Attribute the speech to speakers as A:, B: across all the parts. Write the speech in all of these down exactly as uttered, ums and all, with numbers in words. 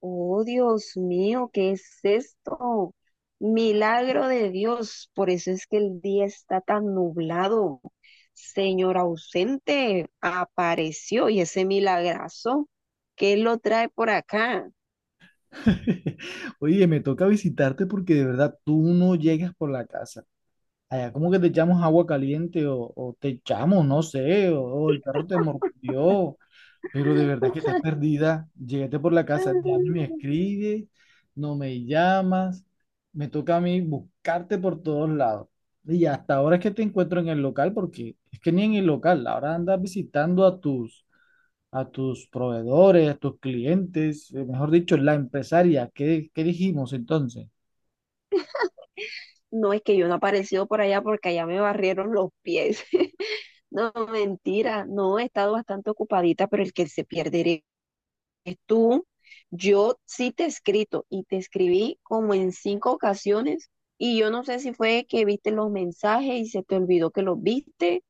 A: Oh, Dios mío, ¿qué es esto? Milagro de Dios, por eso es que el día está tan nublado. Señor ausente, apareció y ese milagrazo, ¿qué lo trae por acá?
B: Oye, me toca visitarte porque de verdad tú no llegas por la casa. Allá como que te echamos agua caliente o, o te echamos, no sé, o, o el perro te mordió, pero de verdad que estás perdida. Llegaste por la casa, ya no me
A: Ah,
B: escribes, no me llamas, me toca a mí buscarte por todos lados. Y hasta ahora es que te encuentro en el local porque es que ni en el local, ahora andas visitando a tus a tus proveedores, a tus clientes, eh, mejor dicho, la empresaria. ¿Qué, qué dijimos entonces?
A: no es que yo no he aparecido por allá porque allá me barrieron los pies. No, mentira, no, he estado bastante ocupadita, pero el que se pierde eres tú, yo sí te he escrito y te escribí como en cinco ocasiones y yo no sé si fue que viste los mensajes y se te olvidó que los viste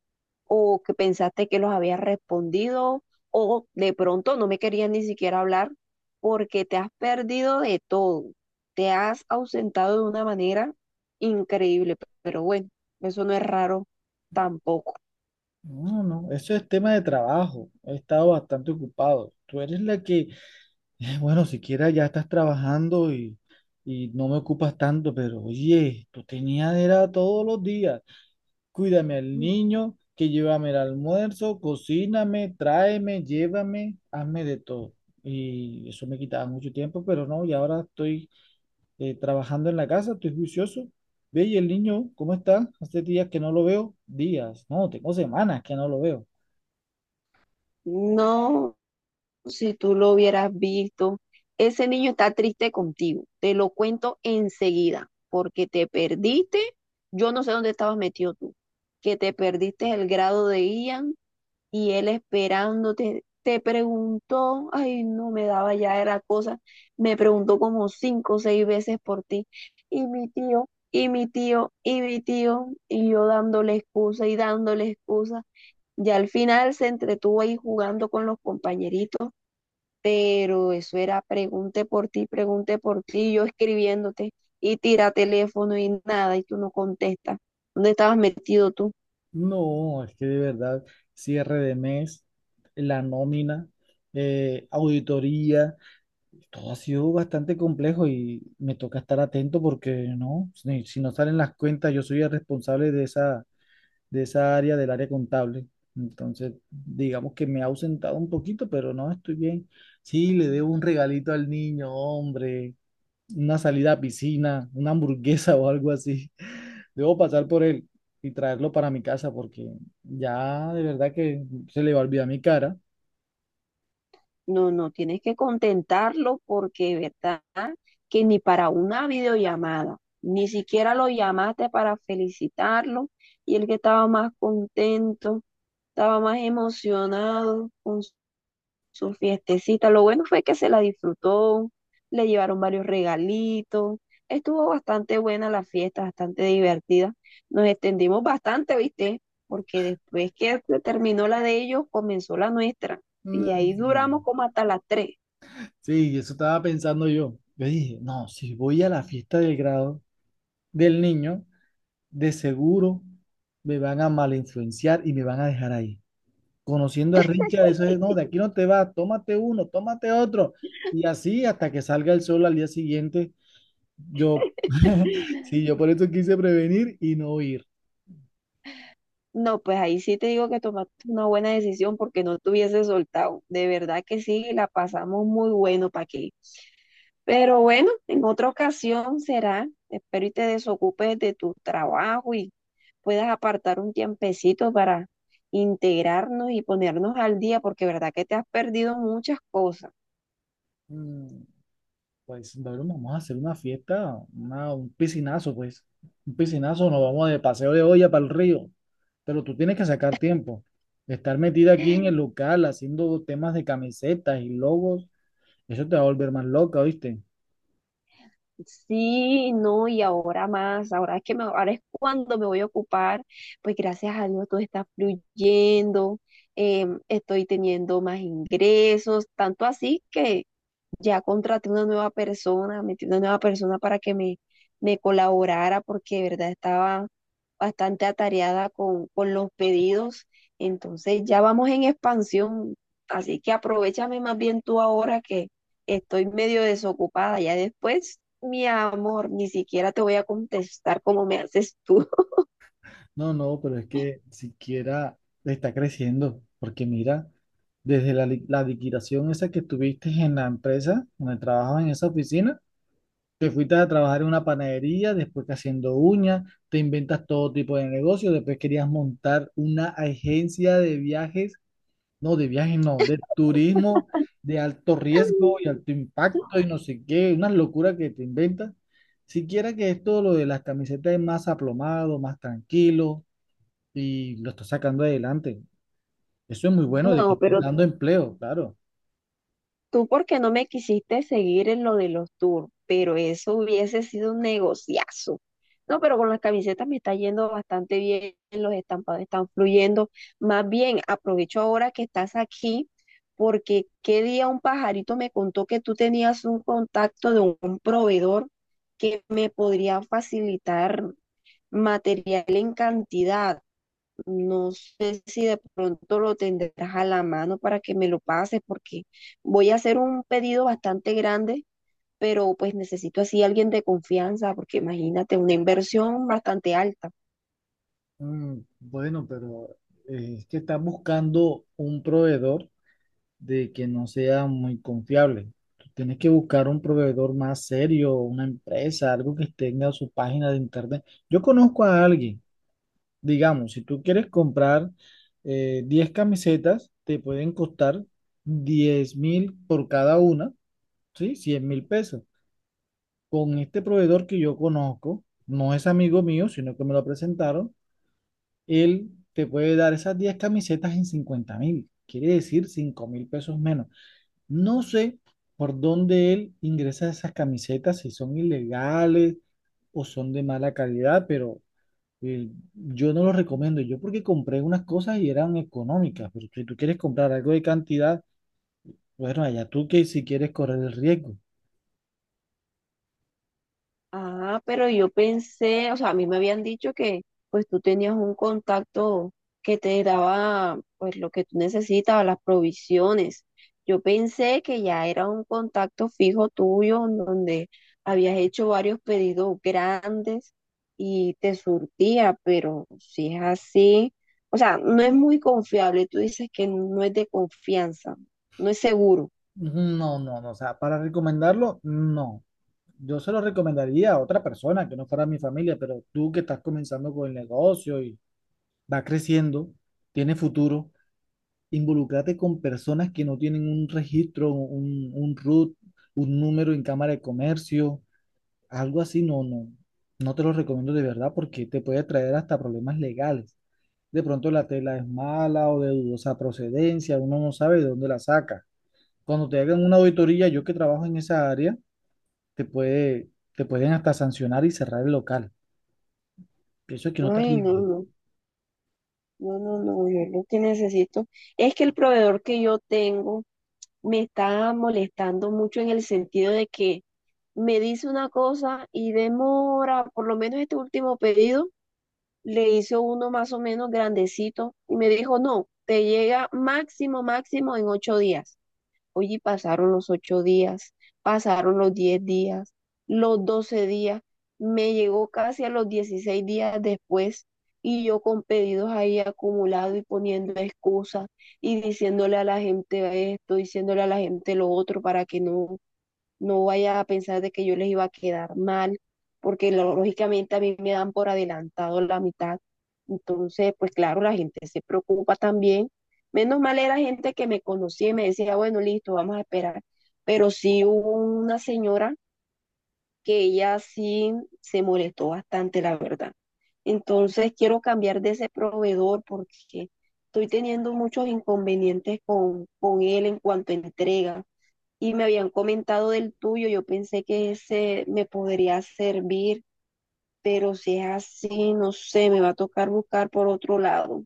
A: o que pensaste que los habías respondido o de pronto no me querías ni siquiera hablar porque te has perdido de todo, te has ausentado de una manera increíble, pero bueno, eso no es raro tampoco.
B: No, no, eso es tema de trabajo. He estado bastante ocupado. Tú eres la que, eh, bueno, siquiera ya estás trabajando y, y no me ocupas tanto, pero oye, tú tenías era todos los días. Cuídame al niño, que llévame el almuerzo, cocíname, tráeme, llévame, hazme de todo. Y eso me quitaba mucho tiempo, pero no, y ahora estoy eh, trabajando en la casa, estoy juicioso. Ve, y el niño, ¿cómo está? Hace días que no lo veo. Días, no, tengo semanas que no lo veo.
A: No, si tú lo hubieras visto. Ese niño está triste contigo. Te lo cuento enseguida, porque te perdiste. Yo no sé dónde estabas metido tú, que te perdiste el grado de Ian y él esperándote. Te preguntó, ay, no me daba ya era cosa. Me preguntó como cinco o seis veces por ti. Y mi tío, y mi tío, y mi tío, y yo dándole excusa y dándole excusa. Y al final se entretuvo ahí jugando con los compañeritos, pero eso era pregunte por ti, pregunte por ti, yo escribiéndote y tira teléfono y nada y tú no contestas. ¿Dónde estabas metido tú?
B: No, es que de verdad, cierre de mes, la nómina, eh, auditoría, todo ha sido bastante complejo y me toca estar atento porque no, si, si no salen las cuentas, yo soy el responsable de esa, de esa área del área contable. Entonces, digamos que me he ausentado un poquito, pero no estoy bien. Sí, le debo un regalito al niño, hombre, una salida a piscina, una hamburguesa o algo así. Debo pasar por él y traerlo para mi casa porque ya de verdad que se le va a olvidar mi cara.
A: No, no, tienes que contentarlo porque, ¿verdad? Que ni para una videollamada, ni siquiera lo llamaste para felicitarlo y el que estaba más contento, estaba más emocionado con su fiestecita. Lo bueno fue que se la disfrutó, le llevaron varios regalitos. Estuvo bastante buena la fiesta, bastante divertida. Nos extendimos bastante, ¿viste? Porque después que terminó la de ellos, comenzó la nuestra. Y
B: Mm,
A: ahí
B: sí.
A: duramos como hasta las tres.
B: Sí, eso estaba pensando yo. Yo dije, no, si voy a la fiesta del grado del niño, de seguro me van a mal influenciar y me van a dejar ahí. Conociendo a Richard, eso es, no, de aquí no te vas, tómate uno, tómate otro. Y así hasta que salga el sol al día siguiente, yo, sí, yo por eso quise prevenir y no ir.
A: No, pues ahí sí te digo que tomaste una buena decisión porque no te hubiese soltado. De verdad que sí, la pasamos muy bueno para aquí. Pero bueno, en otra ocasión será. Espero y te desocupes de tu trabajo y puedas apartar un tiempecito para integrarnos y ponernos al día, porque verdad que te has perdido muchas cosas.
B: Mm, pues, bueno, vamos a hacer una fiesta, una- un piscinazo, pues. Un piscinazo, nos vamos de paseo de olla para el río. Pero tú tienes que sacar tiempo. Estar metida aquí en el local haciendo temas de camisetas y logos, eso te va a volver más loca, ¿viste?
A: Sí, no, y ahora más, ahora es que me, ahora es cuando me voy a ocupar, pues gracias a Dios todo está fluyendo, eh, estoy teniendo más ingresos, tanto así que ya contraté una nueva persona, metí una nueva persona para que me, me colaborara, porque de verdad estaba bastante atareada con, con los pedidos, entonces ya vamos en expansión, así que aprovechame más bien tú ahora que estoy medio desocupada, ya después, mi amor, ni siquiera te voy a contestar como me haces tú.
B: No, no, pero es que siquiera está creciendo, porque mira, desde la, li- la liquidación esa que tuviste en la empresa, donde trabajabas en esa oficina, te fuiste a trabajar en una panadería, después que haciendo uñas, te inventas todo tipo de negocio, después querías montar una agencia de viajes, no, de viajes no, de turismo de alto riesgo y alto impacto y no sé qué, una locura que te inventas. Siquiera que esto, lo de las camisetas es más aplomado, más tranquilo y lo está sacando adelante. Eso es muy bueno de que
A: No,
B: esté
A: pero
B: dando empleo, claro.
A: tú porque no me quisiste seguir en lo de los tours, pero eso hubiese sido un negociazo. No, pero con las camisetas me está yendo bastante bien, los estampados están fluyendo. Más bien, aprovecho ahora que estás aquí, porque qué día un pajarito me contó que tú tenías un contacto de un proveedor que me podría facilitar material en cantidad. No sé si de pronto lo tendrás a la mano para que me lo pases, porque voy a hacer un pedido bastante grande, pero pues necesito así alguien de confianza, porque imagínate, una inversión bastante alta.
B: Mm, bueno, pero eh, es que estás buscando un proveedor de que no sea muy confiable. Tú tienes que buscar un proveedor más serio, una empresa, algo que tenga su página de internet. Yo conozco a alguien, digamos, si tú quieres comprar eh, diez camisetas, te pueden costar diez mil por cada una, ¿sí? Cien mil pesos. Con este proveedor que yo conozco, no es amigo mío, sino que me lo presentaron, él te puede dar esas diez camisetas en cincuenta mil, quiere decir cinco mil pesos menos. No sé por dónde él ingresa esas camisetas, si son ilegales o son de mala calidad, pero eh, yo no lo recomiendo. Yo porque compré unas cosas y eran económicas, pero si tú quieres comprar algo de cantidad, bueno, allá tú que si quieres correr el riesgo.
A: Ah, pero yo pensé, o sea, a mí me habían dicho que pues tú tenías un contacto que te daba pues lo que tú necesitabas, las provisiones. Yo pensé que ya era un contacto fijo tuyo en donde habías hecho varios pedidos grandes y te surtía, pero si es así, o sea, no es muy confiable. Tú dices que no es de confianza, no es seguro.
B: No, no, no, o sea, para recomendarlo, no. Yo se lo recomendaría a otra persona que no fuera mi familia, pero tú que estás comenzando con el negocio y va creciendo, tiene futuro, involúcrate con personas que no tienen un registro, un, un R U T, un número en Cámara de Comercio, algo así, no, no, no te lo recomiendo de verdad porque te puede traer hasta problemas legales. De pronto la tela es mala o de dudosa procedencia, uno no sabe de dónde la saca. Cuando te hagan una auditoría, yo que trabajo en esa área, te puede, te pueden hasta sancionar y cerrar el local. Eso es que no te
A: Ay, no,
B: arriesgues.
A: no. No, no, no, yo lo que necesito es que el proveedor que yo tengo me está molestando mucho en el sentido de que me dice una cosa y demora, por lo menos este último pedido, le hizo uno más o menos grandecito y me dijo, no, te llega máximo, máximo en ocho días. Oye, pasaron los ocho días, pasaron los diez días, los doce días, me llegó casi a los dieciséis días después y yo con pedidos ahí acumulados y poniendo excusas y diciéndole a la gente esto, diciéndole a la gente lo otro para que no no vaya a pensar de que yo les iba a quedar mal, porque lo- lógicamente a mí me dan por adelantado la mitad. Entonces, pues claro, la gente se preocupa también. Menos mal era gente que me conocía y me decía, bueno, listo, vamos a esperar. Pero sí hubo una señora que ella sí se molestó bastante, la verdad. Entonces, quiero cambiar de ese proveedor porque estoy teniendo muchos inconvenientes con, con él en cuanto a entrega y me habían comentado del tuyo, yo pensé que ese me podría servir, pero si es así, no sé, me va a tocar buscar por otro lado.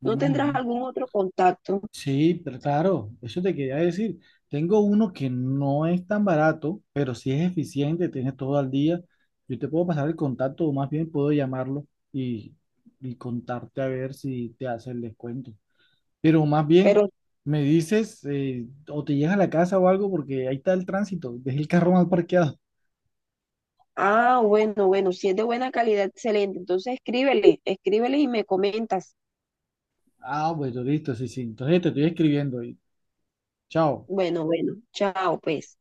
B: No,
A: ¿No
B: no,
A: tendrás
B: no.
A: algún otro contacto?
B: Sí, pero claro, eso te quería decir. Tengo uno que no es tan barato, pero sí es eficiente, tienes todo al día. Yo te puedo pasar el contacto, o más bien puedo llamarlo y, y contarte a ver si te hace el descuento. Pero más bien,
A: Pero,
B: me dices, eh, o te llegas a la casa o algo, porque ahí está el tránsito, dejé el carro mal parqueado.
A: ah, bueno, bueno, si es de buena calidad, excelente. Entonces escríbele, escríbele y me comentas.
B: Ah, bueno, listo, sí, sí. Entonces te estoy escribiendo y chao.
A: Bueno, bueno, chao, pues.